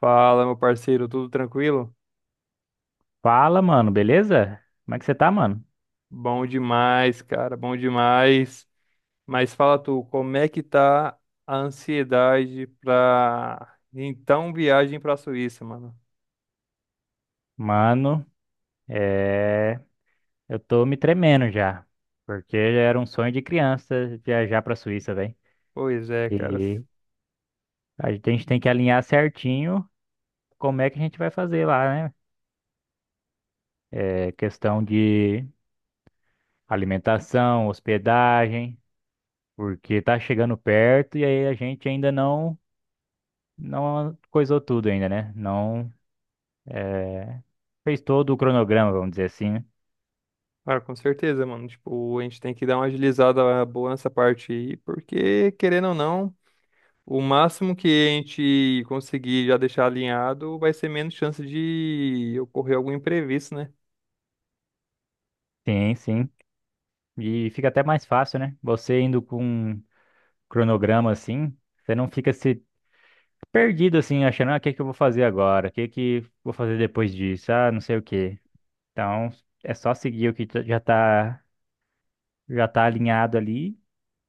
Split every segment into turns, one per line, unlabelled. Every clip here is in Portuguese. Fala, meu parceiro, tudo tranquilo?
Fala, mano, beleza? Como é que você tá, mano?
Bom demais, cara, bom demais. Mas fala tu, como é que tá a ansiedade pra então viagem pra Suíça, mano?
Mano, é... eu tô me tremendo já, porque era um sonho de criança viajar pra Suíça, velho.
Pois é, cara.
E a gente tem que alinhar certinho como é que a gente vai fazer lá, né? É questão de alimentação, hospedagem, porque tá chegando perto e aí a gente ainda não, não coisou tudo ainda, né? Não, é, fez todo o cronograma, vamos dizer assim, né?
Ah, com certeza, mano. Tipo, a gente tem que dar uma agilizada boa nessa parte aí, porque, querendo ou não, o máximo que a gente conseguir já deixar alinhado vai ser menos chance de ocorrer algum imprevisto, né?
Sim, sim. E fica até mais fácil, né? Você indo com um cronograma assim, você não fica se perdido assim, achando, ah, o que que eu vou fazer agora? O que que vou fazer depois disso? Ah, não sei o quê. Então, é só seguir já tá alinhado ali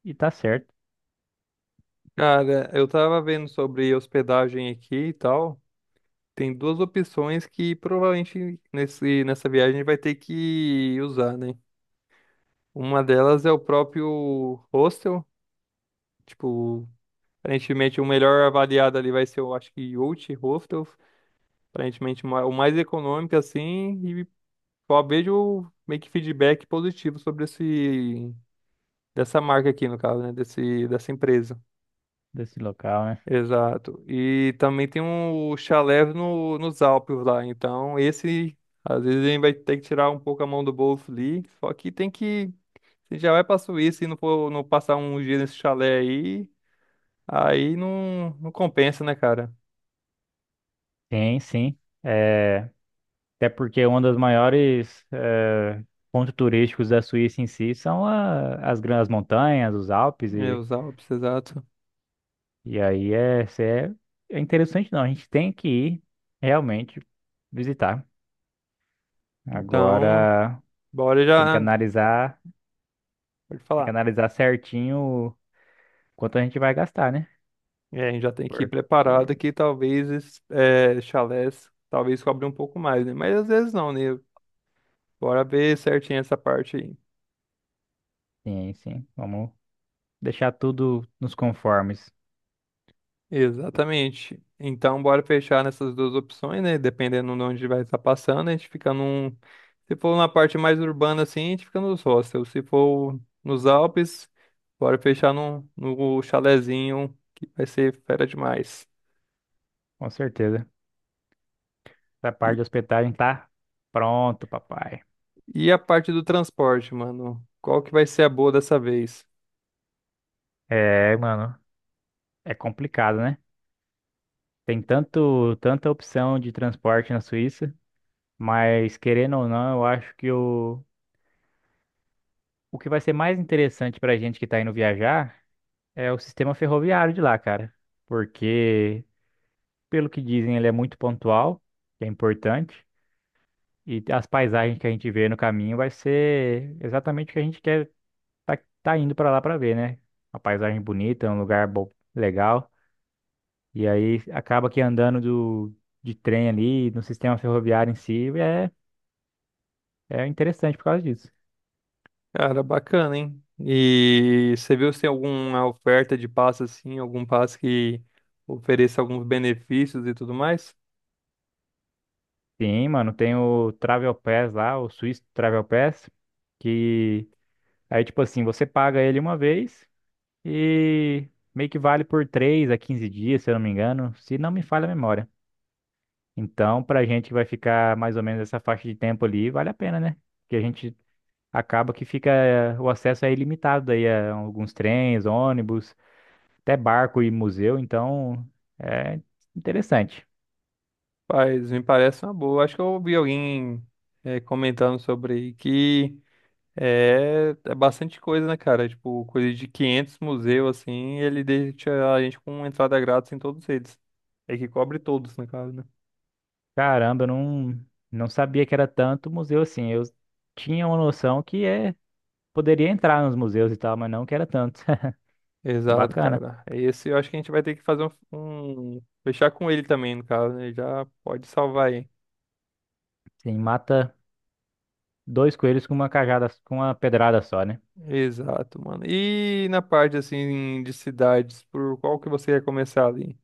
e tá certo
Cara, eu tava vendo sobre hospedagem aqui e tal. Tem duas opções que provavelmente nessa viagem vai ter que usar, né? Uma delas é o próprio hostel. Tipo, aparentemente o melhor avaliado ali vai ser, eu acho que Youth Hostel. Aparentemente o mais econômico, assim. E só vejo meio que feedback positivo sobre dessa marca aqui, no caso, né? Dessa empresa.
desse local, né?
Exato. E também tem um chalé no, nos Alpes lá. Então, esse, às vezes, a gente vai ter que tirar um pouco a mão do bolso ali. Só que tem que. Se já vai pra Suíça e for, não passar um dia nesse chalé aí, não compensa, né, cara?
Sim, sim. É, até porque um dos maiores pontos turísticos da Suíça em si são as grandes montanhas, os Alpes.
É,
e
os Alpes, exato.
E aí é, se é, é interessante. Não, a gente tem que ir realmente visitar.
Então,
Agora
bora
tem que
já.
analisar,
Pode
tem que
falar.
analisar certinho quanto a gente vai gastar, né?
É, a gente já tem que ir
Porque
preparado que talvez esses chalés talvez cobre um pouco mais, né? Mas às vezes não, né? Bora ver certinho essa parte aí.
sim, sim. Vamos deixar tudo nos conformes,
Exatamente. Então, bora fechar nessas duas opções, né? Dependendo de onde vai estar passando, a gente fica num. Se for na parte mais urbana assim, a gente fica nos hostels. Se for nos Alpes, bora fechar no chalezinho, que vai ser fera demais.
com certeza. Essa parte
E,
de hospedagem tá pronto, papai.
e a parte do transporte, mano? Qual que vai ser a boa dessa vez?
É, mano, é complicado, né? Tem tanta opção de transporte na Suíça, mas querendo ou não, eu acho que o que vai ser mais interessante pra gente que tá indo viajar é o sistema ferroviário de lá, cara. Porque, pelo que dizem, ele é muito pontual, que é importante, e as paisagens que a gente vê no caminho vai ser exatamente o que a gente quer tá indo pra lá pra ver, né? Uma paisagem bonita, um lugar bom, legal. E aí acaba que de trem ali, no sistema ferroviário em si, é interessante por causa disso.
Cara, bacana, hein? E você viu se tem alguma oferta de passe assim, algum passe que ofereça alguns benefícios e tudo mais?
Sim, mano, tem o Travel Pass lá, o Swiss Travel Pass, que aí, tipo assim, você paga ele uma vez e meio que vale por 3 a 15 dias, se eu não me engano, se não me falha a memória. Então, pra gente que vai ficar mais ou menos essa faixa de tempo ali, vale a pena, né? Porque a gente acaba que fica, o acesso é ilimitado aí a alguns trens, ônibus, até barco e museu, então é interessante.
Rapaz, me parece uma boa. Acho que eu ouvi alguém comentando sobre que é, é bastante coisa, né, cara? Tipo, coisa de 500 museus, assim, ele deixa a gente com entrada grátis em todos eles. É que cobre todos, no caso, né?
Caramba, eu não, não sabia que era tanto museu assim. Eu tinha uma noção poderia entrar nos museus e tal, mas não que era tanto.
Exato,
Bacana.
cara. Esse eu acho que a gente vai ter que fazer fechar com ele também, no caso, né? Já pode salvar aí.
Sim, mata dois coelhos com uma cajada, com uma pedrada só, né?
Exato, mano. E na parte, assim, de cidades, por qual que você quer começar ali?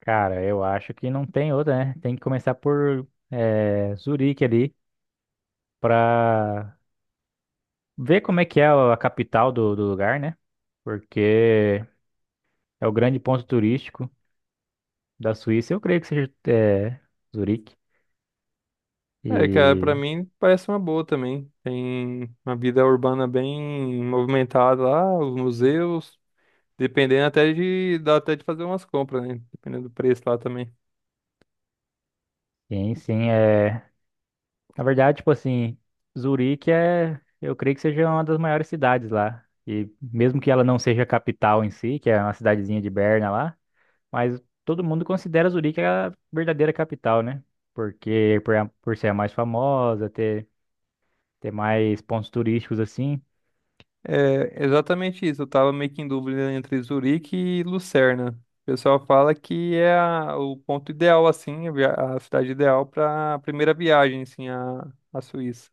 Cara, eu acho que não tem outra, né? Tem que começar por Zurique ali pra ver como é que é a capital do lugar, né? Porque é o grande ponto turístico da Suíça. Eu creio que seja Zurique.
É, cara, pra
E
mim parece uma boa também. Tem uma vida urbana bem movimentada lá, os museus, dependendo dá até de fazer umas compras, né? Dependendo do preço lá também.
sim, sim, é. Na verdade, tipo assim, Zurique é. Eu creio que seja uma das maiores cidades lá. E mesmo que ela não seja a capital em si, que é uma cidadezinha de Berna lá. Mas todo mundo considera Zurique a verdadeira capital, né? Por ser a mais famosa, ter mais pontos turísticos assim.
É, exatamente isso. Eu tava meio que em dúvida entre Zurique e Lucerna. O pessoal fala que é o ponto ideal, assim, a cidade ideal pra primeira viagem, assim, à Suíça.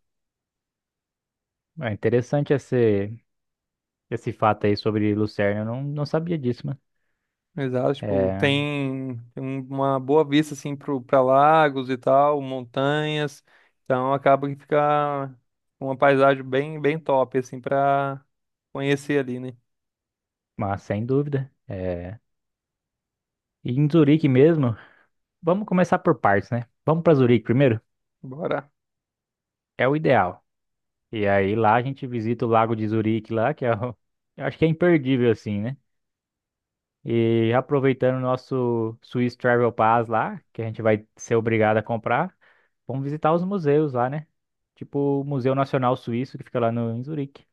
É interessante esse fato aí sobre Lucerna. Eu não, não sabia disso, mano.
Exato, tipo,
É,
tem um, uma boa vista assim pra lagos e tal, montanhas. Então acaba que fica uma paisagem bem top, assim, pra conhecer ali, né?
mas sem dúvida. É. E em Zurique mesmo, vamos começar por partes, né? Vamos para Zurique primeiro?
Bora.
É o ideal. E aí lá a gente visita o Lago de Zurique lá, que é o, eu acho que é imperdível assim, né? E aproveitando o nosso Swiss Travel Pass lá, que a gente vai ser obrigado a comprar, vamos visitar os museus lá, né? Tipo o Museu Nacional Suíço, que fica lá no, em Zurique.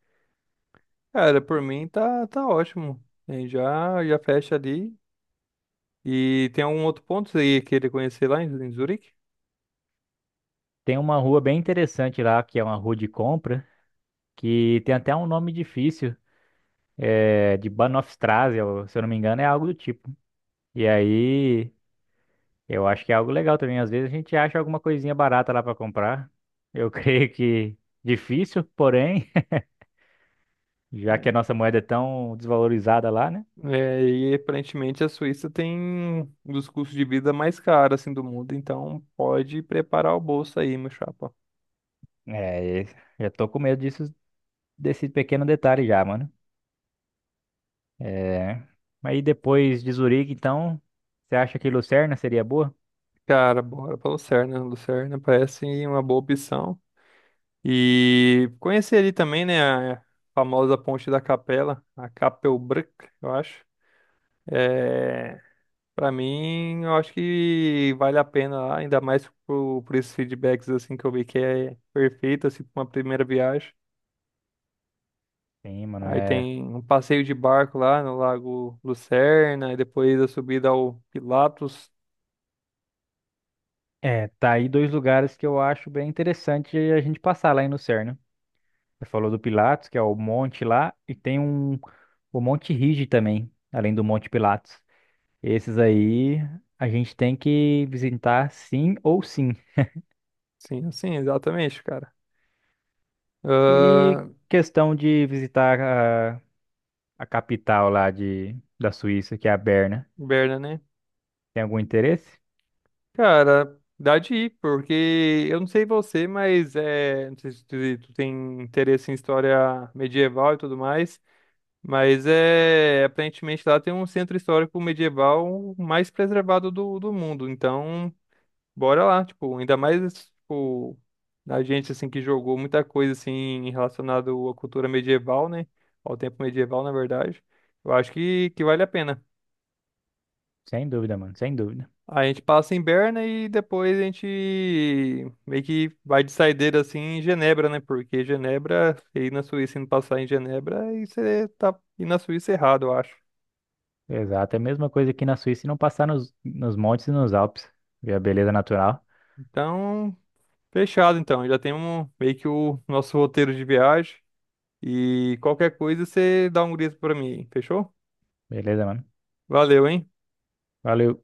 Cara, por mim tá ótimo. Já fecha ali. E tem algum outro ponto que você ia querer conhecer lá em Zurique?
Tem uma rua bem interessante lá, que é uma rua de compra, que tem até um nome difícil, de Bahnhofstrasse, ou, se eu não me engano, é algo do tipo. E aí, eu acho que é algo legal também. Às vezes a gente acha alguma coisinha barata lá para comprar. Eu creio que difícil, porém, já que a
É.
nossa moeda é tão desvalorizada lá, né?
É, e aparentemente a Suíça tem um dos custos de vida mais caros assim do mundo, então pode preparar o bolso aí, meu chapa.
É, já tô com medo disso, desse pequeno detalhe já, mano. É, aí depois de Zurique, então, você acha que Lucerna seria boa?
Cara, bora pra Lucerna. Lucerna parece uma boa opção. E conhecer ali também, né, a famosa Ponte da Capela, a Capelbranca, eu acho. É, para mim, eu acho que vale a pena lá, ainda mais por esses feedbacks assim que eu vi que é perfeito assim para uma primeira viagem.
Sim, mano,
Aí tem um passeio de barco lá no Lago Lucerna e depois a subida ao Pilatos.
tá aí dois lugares que eu acho bem interessante a gente passar lá em Lucerna. Você falou do Pilatos, que é o monte lá, e o Monte Rigi também, além do Monte Pilatos. Esses aí a gente tem que visitar sim ou sim.
Sim, sim, exatamente, cara.
E
Ahn,
questão de visitar a capital da Suíça, que é a Berna.
Berna, né?
Tem algum interesse?
Cara, dá de ir, porque eu não sei você, mas é, não sei se tu, tu tem interesse em história medieval e tudo mais, mas é, aparentemente lá tem um centro histórico medieval mais preservado do mundo, então bora lá, tipo, ainda mais, tipo, a gente, assim, que jogou muita coisa, assim, relacionado à cultura medieval, né, ao tempo medieval, na verdade, eu acho que vale a pena.
Sem dúvida, mano, sem dúvida.
A gente passa em Berna e depois a gente meio que vai de saideira assim em Genebra, né? Porque Genebra, você ir na Suíça e não passar em Genebra, aí você tá indo na Suíça errado, eu acho.
Exato, é a mesma coisa aqui na Suíça e não passar nos montes e nos Alpes. Ver a beleza natural.
Então, fechado então. Já temos meio que o nosso roteiro de viagem. E qualquer coisa você dá um grito pra mim, fechou?
Beleza, mano.
Valeu, hein?
Valeu.